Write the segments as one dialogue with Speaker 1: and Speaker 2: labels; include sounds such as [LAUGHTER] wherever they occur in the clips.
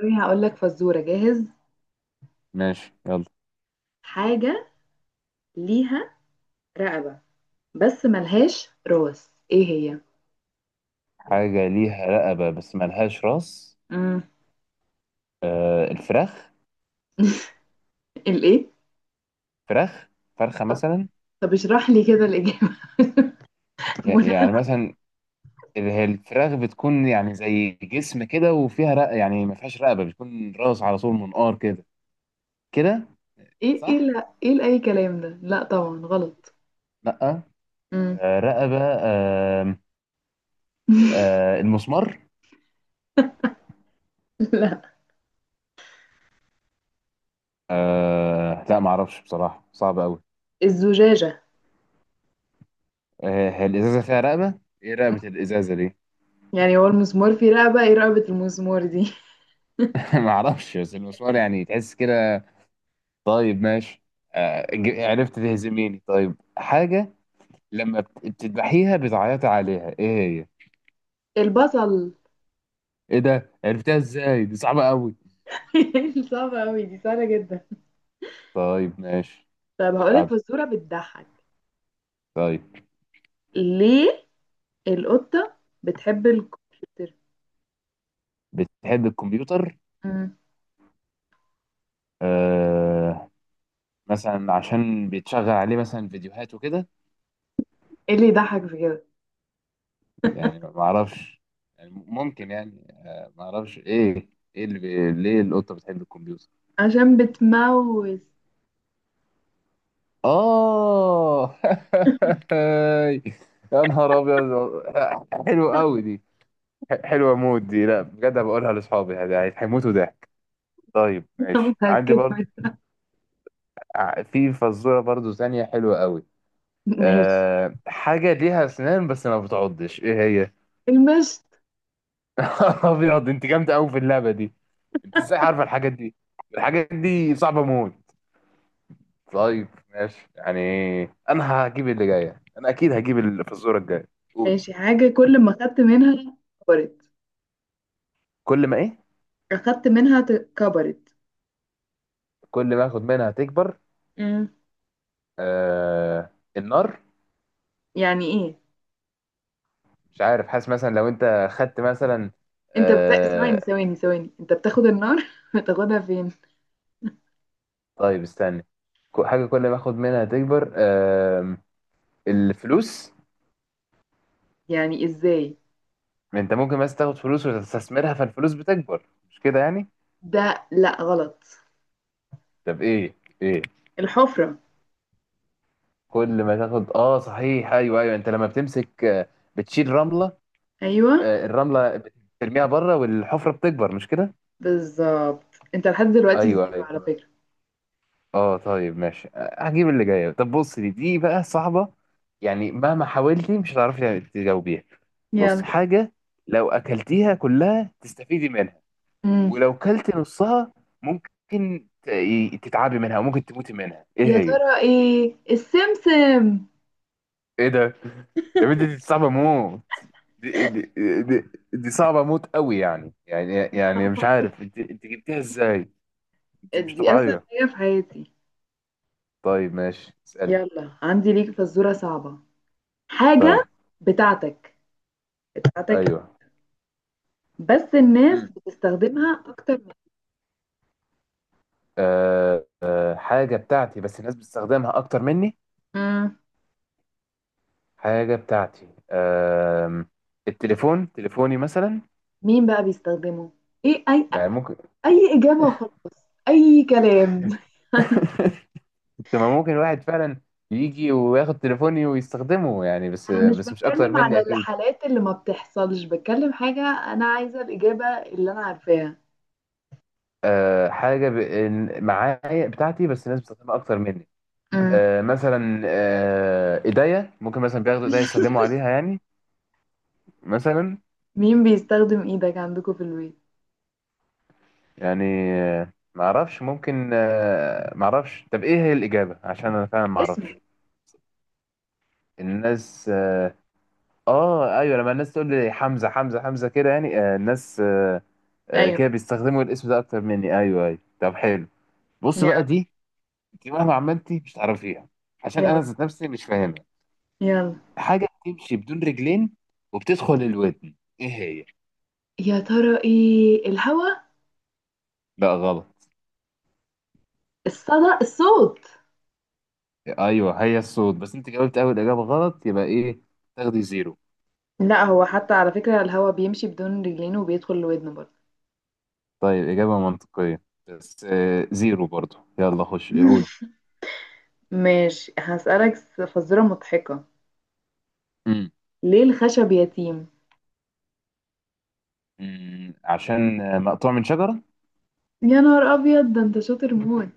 Speaker 1: أوكي، هقول لك فزورة جاهز.
Speaker 2: ماشي، يلا.
Speaker 1: حاجة ليها رقبة بس ملهاش راس، ايه هي؟
Speaker 2: حاجة ليها رقبة بس ملهاش راس.
Speaker 1: امم.
Speaker 2: آه، الفراخ.
Speaker 1: [LAUGHS] الايه؟
Speaker 2: فراخ، فرخة
Speaker 1: طب
Speaker 2: مثلا.
Speaker 1: طب، اشرح لي كده الإجابة. [LAUGHS]
Speaker 2: ي-
Speaker 1: منى.
Speaker 2: يعني مثلا. هي الفراخ بتكون يعني زي جسم كده، وفيها رق، يعني ما فيهاش رقبة، بتكون راس على طول، منقار كده كده.
Speaker 1: ايه ايه،
Speaker 2: صح؟
Speaker 1: لا ايه، لأي كلام ده، لا طبعا غلط.
Speaker 2: لأ.
Speaker 1: امم.
Speaker 2: آه، رقبة،
Speaker 1: [LAUGHS]
Speaker 2: آه، المسمار.
Speaker 1: لا،
Speaker 2: لا، معرفش بصراحة، صعب أوي.
Speaker 1: الزجاجة.
Speaker 2: هي الإزازة فيها رقبة؟ إيه
Speaker 1: مم.
Speaker 2: رقبة الإزازة دي؟
Speaker 1: يعني هو المسمار فيه رقبة؟ ايه رقبة المسمار دي؟
Speaker 2: [LAUGHS] معرفش، بس المسمار يعني تحس كده. طيب ماشي. عرفت تهزميني. طيب، حاجة، لما بتذبحيها بتعيطي عليها، ايه هي؟
Speaker 1: [LAUGHS] البصل.
Speaker 2: ايه ده؟ عرفتها ازاي؟ دي صعبة قوي.
Speaker 1: [LAUGHS] صعبة أوي؟ دي سهلة جدا.
Speaker 2: طيب ماشي،
Speaker 1: طب
Speaker 2: اللي
Speaker 1: هقولك
Speaker 2: بعده.
Speaker 1: فزورة بتضحك.
Speaker 2: طيب.
Speaker 1: ليه القطة بتحب الكمبيوتر؟
Speaker 2: بتحب الكمبيوتر.
Speaker 1: مم.
Speaker 2: آه. مثلا عشان بيتشغل عليه مثلا فيديوهات وكده.
Speaker 1: ايه اللي يضحك في كده؟
Speaker 2: يعني ما اعرفش. يعني ممكن، يعني ما اعرفش ايه. ايه اللي ليه القطة بتحب الكمبيوتر؟
Speaker 1: عشان بتموز.
Speaker 2: آه. [LAUGHS] يا نهار أبيض، حلوة أوي دي. حلوة مود دي، لا بجد هبقولها لأصحابي، هيموتوا ضحك. طيب
Speaker 1: [LAUGHS] أنا
Speaker 2: ماشي، عندي
Speaker 1: متأكدة.
Speaker 2: برضه في فزورة برضه ثانية حلوة أوي.
Speaker 1: ماشي.
Speaker 2: حاجة ليها أسنان بس ما بتعضش، إيه هي؟
Speaker 1: المشط.
Speaker 2: [LAUGHS] أبيض، أنت جامدة أوي في اللعبة دي. أنت إزاي عارفة الحاجات دي؟ الحاجات دي صعبة موت. طيب ماشي يعني. أنا هجيب اللي جاية، أنا أكيد هجيب الفزورة الجاية. قولي.
Speaker 1: ماشي. حاجة كل ما خدت منها كبرت،
Speaker 2: كل ما إيه؟
Speaker 1: أخدت منها كبرت.
Speaker 2: كل ما اخد منها تكبر.
Speaker 1: مم.
Speaker 2: آه، النار.
Speaker 1: يعني إيه؟
Speaker 2: مش عارف، حاسس مثلا لو انت خدت مثلا.
Speaker 1: أنت بت... ثواني
Speaker 2: آه.
Speaker 1: ثواني ثواني، أنت بتاخد النار، [LAUGHS] بتاخدها فين؟
Speaker 2: طيب استنى. حاجه كل ما اخد منها تكبر. آه، الفلوس.
Speaker 1: يعني إزاي؟
Speaker 2: انت ممكن مثلا تاخد فلوس وتستثمرها، فالفلوس بتكبر، مش كده يعني.
Speaker 1: ده لأ غلط.
Speaker 2: طب ايه. ايه.
Speaker 1: الحفرة.
Speaker 2: كل ما تاخد، اه صحيح، ايوه ايوه، انت لما بتمسك، بتشيل رمله.
Speaker 1: أيوه
Speaker 2: آه، الرمله بترميها بره والحفره بتكبر، مش كده.
Speaker 1: بالظبط. أنت لحد دلوقتي
Speaker 2: ايوه
Speaker 1: زيرو
Speaker 2: ايوه.
Speaker 1: على فكرة.
Speaker 2: اه طيب ماشي، هجيب اللي جايه. طب بص، دي بقى صعبه، يعني مهما حاولتي مش هتعرفي تجاوبيها. بص،
Speaker 1: يلا.
Speaker 2: حاجه لو اكلتيها كلها تستفيدي منها،
Speaker 1: مم.
Speaker 2: ولو كلت نصها ممكن تتعبي منها وممكن تموتي منها، ايه
Speaker 1: يا
Speaker 2: هي؟
Speaker 1: ترى إيه؟ السمسم.
Speaker 2: ايه ده؟ يا بنتي دي صعبه موت. دي, دي, دي, دي صعبه موت قوي. يعني مش عارف، انت جبتيها ازاي، انت مش
Speaker 1: دي أسهل
Speaker 2: طبيعيه.
Speaker 1: حاجة في حياتي.
Speaker 2: طيب ماشي، اسالي.
Speaker 1: يلا، عندي ليك فزورة صعبة.
Speaker 2: طيب.
Speaker 1: حاجة بتاعتك بتاعتك
Speaker 2: ايوه.
Speaker 1: بس الناس بتستخدمها أكتر من.
Speaker 2: حاجة بتاعتي بس الناس بتستخدمها أكتر مني.
Speaker 1: مم.
Speaker 2: حاجة بتاعتي، التليفون، تليفوني مثلا.
Speaker 1: مين بقى بيستخدمه؟ إيه، أي
Speaker 2: يعني ممكن.
Speaker 1: أي إجابة وخلاص، أي كلام.
Speaker 2: [LAUGHS] تمام، ممكن واحد فعلا يجي وياخد تليفوني ويستخدمه، يعني بس
Speaker 1: أنا مش
Speaker 2: بس مش أكتر
Speaker 1: بتكلم
Speaker 2: مني
Speaker 1: على
Speaker 2: أكيد.
Speaker 1: الحالات اللي ما بتحصلش، بتكلم حاجة. أنا عايزة الإجابة اللي أنا عارفاها.
Speaker 2: حاجة معايا بتاعتي بس الناس بتستخدمها أكتر مني.
Speaker 1: مم.
Speaker 2: مثلا، إيديا ممكن مثلا بياخدوا إيديا يسلموا عليها يعني، مثلا.
Speaker 1: مين بيستخدم إيدك عندكم في البيت؟
Speaker 2: يعني معرفش ممكن، معرفش. طب ايه هي الإجابة، عشان انا فعلا
Speaker 1: اسمك.
Speaker 2: معرفش. الناس. اه، ايوه، لما الناس تقول لي حمزة حمزة حمزة كده، يعني الناس،
Speaker 1: ايوه.
Speaker 2: كده بيستخدموا الاسم ده اكتر مني. ايوه ايوه. طب حلو. بص بقى،
Speaker 1: يلا.
Speaker 2: دي دي مهما عملتي مش هتعرفيها عشان
Speaker 1: يلا
Speaker 2: انا ذات نفسي مش فاهمها.
Speaker 1: يلا.
Speaker 2: حاجة بتمشي بدون رجلين وبتدخل الودن، ايه هي؟
Speaker 1: يا ترى ايه؟ الهوا.
Speaker 2: لا، غلط.
Speaker 1: الصدى، الصوت.
Speaker 2: ايوه، هي الصوت، بس انت جاوبت اول إجابة غلط، يبقى ايه، تاخدي زيرو.
Speaker 1: لا هو حتى على فكرة الهوا بيمشي بدون رجلين وبيدخل لودنه برضه.
Speaker 2: طيب إجابة منطقية، بس زيرو برضو. يلا خش قولي.
Speaker 1: ماشي، هسألك فزورة مضحكة.
Speaker 2: مم.
Speaker 1: ليه الخشب يتيم؟
Speaker 2: عشان مقطوع من شجرة.
Speaker 1: يا نهار أبيض، ده أنت شاطر موت.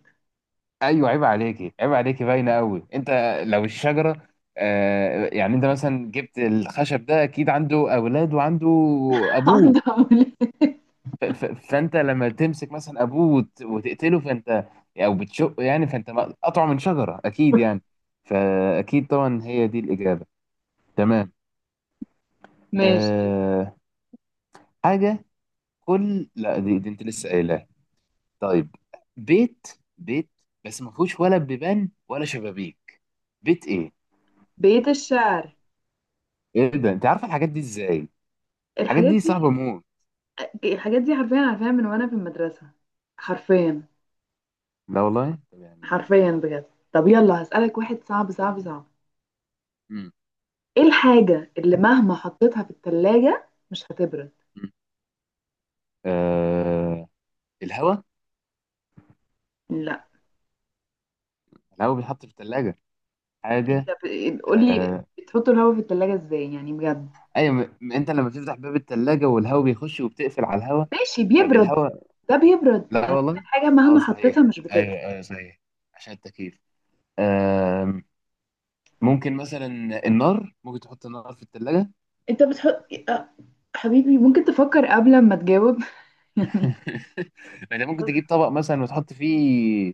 Speaker 2: أيوة، عيب عليكي عيب عليكي، باينة قوي أنت. لو الشجرة يعني، أنت مثلا جبت الخشب ده، أكيد عنده أولاد وعنده
Speaker 1: [LAUGHS]
Speaker 2: أبوه،
Speaker 1: عندها أولاد.
Speaker 2: ف- ف- فأنت لما تمسك مثلا أبوه وتقتله، فأنت أو بتشقه يعني، فأنت مقطوع من شجرة أكيد يعني، فأكيد طبعا هي دي الإجابة. تمام.
Speaker 1: ماشي.
Speaker 2: أه حاجة كل، لا، دي انت لسه قايلها. طيب. بيت، بيت بس ما فيهوش ولا بيبان ولا شبابيك، بيت ايه؟
Speaker 1: بيت الشعر.
Speaker 2: ايه ده؟ انت عارفه الحاجات دي ازاي؟ الحاجات
Speaker 1: الحاجات
Speaker 2: دي صعبه
Speaker 1: دي،
Speaker 2: موت.
Speaker 1: الحاجات دي حرفيا عارفاها من وأنا في المدرسة. حرفيا،
Speaker 2: لا والله، طب يعني.
Speaker 1: حرفيا بجد. طب يلا هسألك واحد صعب صعب صعب.
Speaker 2: مم.
Speaker 1: ايه الحاجة اللي مهما حطيتها في التلاجة مش هتبرد؟
Speaker 2: مم. آه... الهواء.
Speaker 1: لا.
Speaker 2: الهواء بيتحط في الثلاجه.
Speaker 1: انت
Speaker 2: حاجه.
Speaker 1: قولي.
Speaker 2: آه...
Speaker 1: بتحط الهواء في التلاجة ازاي؟ يعني بجد.
Speaker 2: ايوه، انت لما بتفتح باب الثلاجه والهواء بيخش، وبتقفل على الهواء،
Speaker 1: ماشي بيبرد.
Speaker 2: فبالهواء.
Speaker 1: ده بيبرد،
Speaker 2: لا
Speaker 1: انا بقولك
Speaker 2: والله.
Speaker 1: حاجة
Speaker 2: اه،
Speaker 1: مهما
Speaker 2: صحيح.
Speaker 1: حطيتها مش بتبرد.
Speaker 2: ايوه ايوه، صحيح، عشان التكييف. آم، ممكن مثلا، النار ممكن تحط النار في التلاجة.
Speaker 1: انت بتحط حبيبي، ممكن تفكر قبل ما تجاوب. [LAUGHS] يعني.
Speaker 2: [LAUGHS] انت ممكن تجيب طبق مثلا وتحط فيه.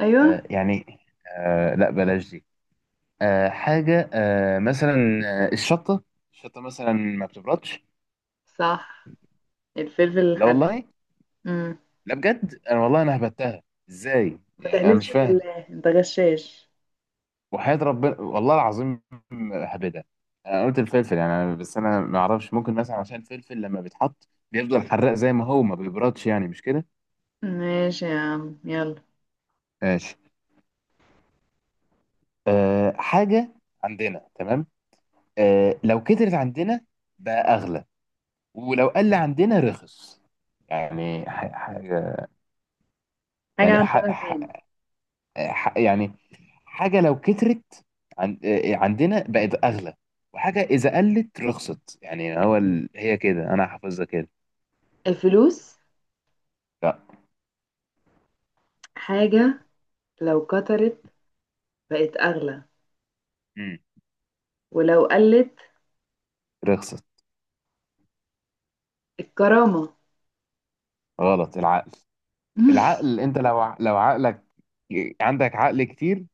Speaker 1: ايوه
Speaker 2: يعني. لا، بلاش دي. حاجة، مثلا، آه، الشطة. الشطة مثلا ما بتبردش.
Speaker 1: صح. الفلفل
Speaker 2: لا
Speaker 1: الحراق.
Speaker 2: والله.
Speaker 1: امم.
Speaker 2: لا بجد انا والله، انا هبتها، ازاي
Speaker 1: ما
Speaker 2: يعني، انا
Speaker 1: تحلفش
Speaker 2: مش فاهم.
Speaker 1: بالله، انت غشاش.
Speaker 2: وحياة ربنا والله العظيم، هبدها. انا قلت الفلفل يعني بس انا ما اعرفش، ممكن مثلا عشان الفلفل لما بيتحط بيفضل حراق زي ما هو، ما بيبردش يعني، مش كده.
Speaker 1: ماشي يا عم، يلا.
Speaker 2: آه. حاجة عندنا، تمام، لو كترت عندنا بقى أغلى، ولو قل عندنا رخص، يعني حاجة.
Speaker 1: حاجة
Speaker 2: يعني
Speaker 1: عندنا فين؟
Speaker 2: يعني حاجة لو كترت عندنا بقت أغلى، وحاجة إذا قلت رخصت، يعني هو هي كده، أنا حافظها كده.
Speaker 1: الفلوس.
Speaker 2: لا.
Speaker 1: حاجة لو كترت بقت أغلى،
Speaker 2: مم.
Speaker 1: ولو قلت.
Speaker 2: رخصت.
Speaker 1: الكرامة.
Speaker 2: غلط، العقل.
Speaker 1: [LAUGHS]
Speaker 2: العقل، أنت لو عقلك عندك عقل كتير،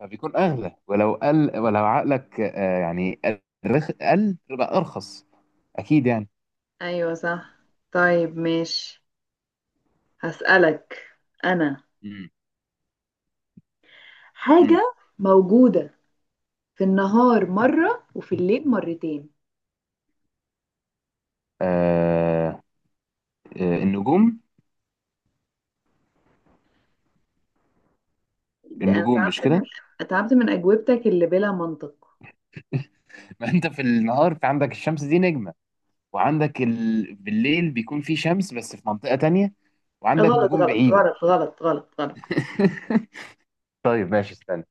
Speaker 2: فبيكون اغلى، ولو قل، ولو عقلك يعني قل، يبقى ارخص اكيد يعني.
Speaker 1: أيوة صح. طيب ماشي، هسألك. أنا
Speaker 2: مم. مم.
Speaker 1: حاجة موجودة في النهار مرة وفي الليل مرتين.
Speaker 2: آه، النجوم.
Speaker 1: ده انا
Speaker 2: النجوم مش
Speaker 1: تعبت من،
Speaker 2: كده،
Speaker 1: تعبت من اجوبتك اللي بلا منطق.
Speaker 2: [LAUGHS] ما انت في النهار في عندك الشمس دي نجمة، وعندك بالليل بيكون في شمس بس في منطقة تانية، وعندك
Speaker 1: غلط
Speaker 2: نجوم
Speaker 1: غلط
Speaker 2: بعيدة.
Speaker 1: غلط غلط غلط غلط.
Speaker 2: [LAUGHS] طيب ماشي، استنى.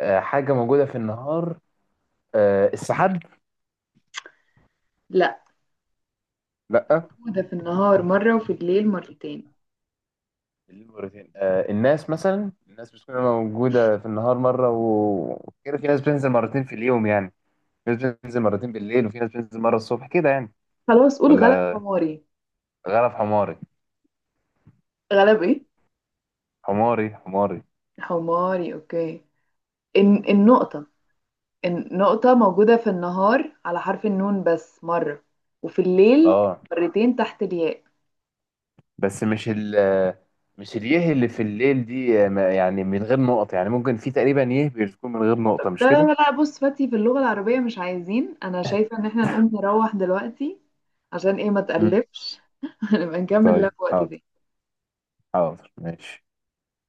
Speaker 2: حاجة موجودة في النهار. السحاب.
Speaker 1: لا،
Speaker 2: لا.
Speaker 1: موجودة في النهار مرة وفي الليل مرتين.
Speaker 2: بالليل مرتين. الناس بتكون موجودة في النهار مرة، وكده في ناس بتنزل مرتين في اليوم يعني، في ناس بتنزل مرتين بالليل وفي ناس بتنزل مرة الصبح كده يعني.
Speaker 1: خلاص قول غلب
Speaker 2: ولا.
Speaker 1: حماري.
Speaker 2: غرف حماري.
Speaker 1: غلب ايه؟
Speaker 2: حماري حماري.
Speaker 1: حماري. اوكي. إن النقطة، النقطة موجودة في النهار على حرف النون بس مرة، وفي الليل
Speaker 2: اه.
Speaker 1: مرتين تحت الياء.
Speaker 2: بس مش اليه اللي في الليل دي، يعني من غير نقط يعني، ممكن في تقريبا يه بتكون من غير
Speaker 1: لا
Speaker 2: نقطة مش كده؟
Speaker 1: لا لا، بص فاتي في اللغة العربية مش عايزين، انا شايفة ان احنا نقوم نروح دلوقتي. عشان ايه ما
Speaker 2: مم.
Speaker 1: تقلبش. [LAUGHS] نبقى نكمل
Speaker 2: طيب
Speaker 1: لك وقت
Speaker 2: حاضر.
Speaker 1: تاني.
Speaker 2: حاضر ماشي.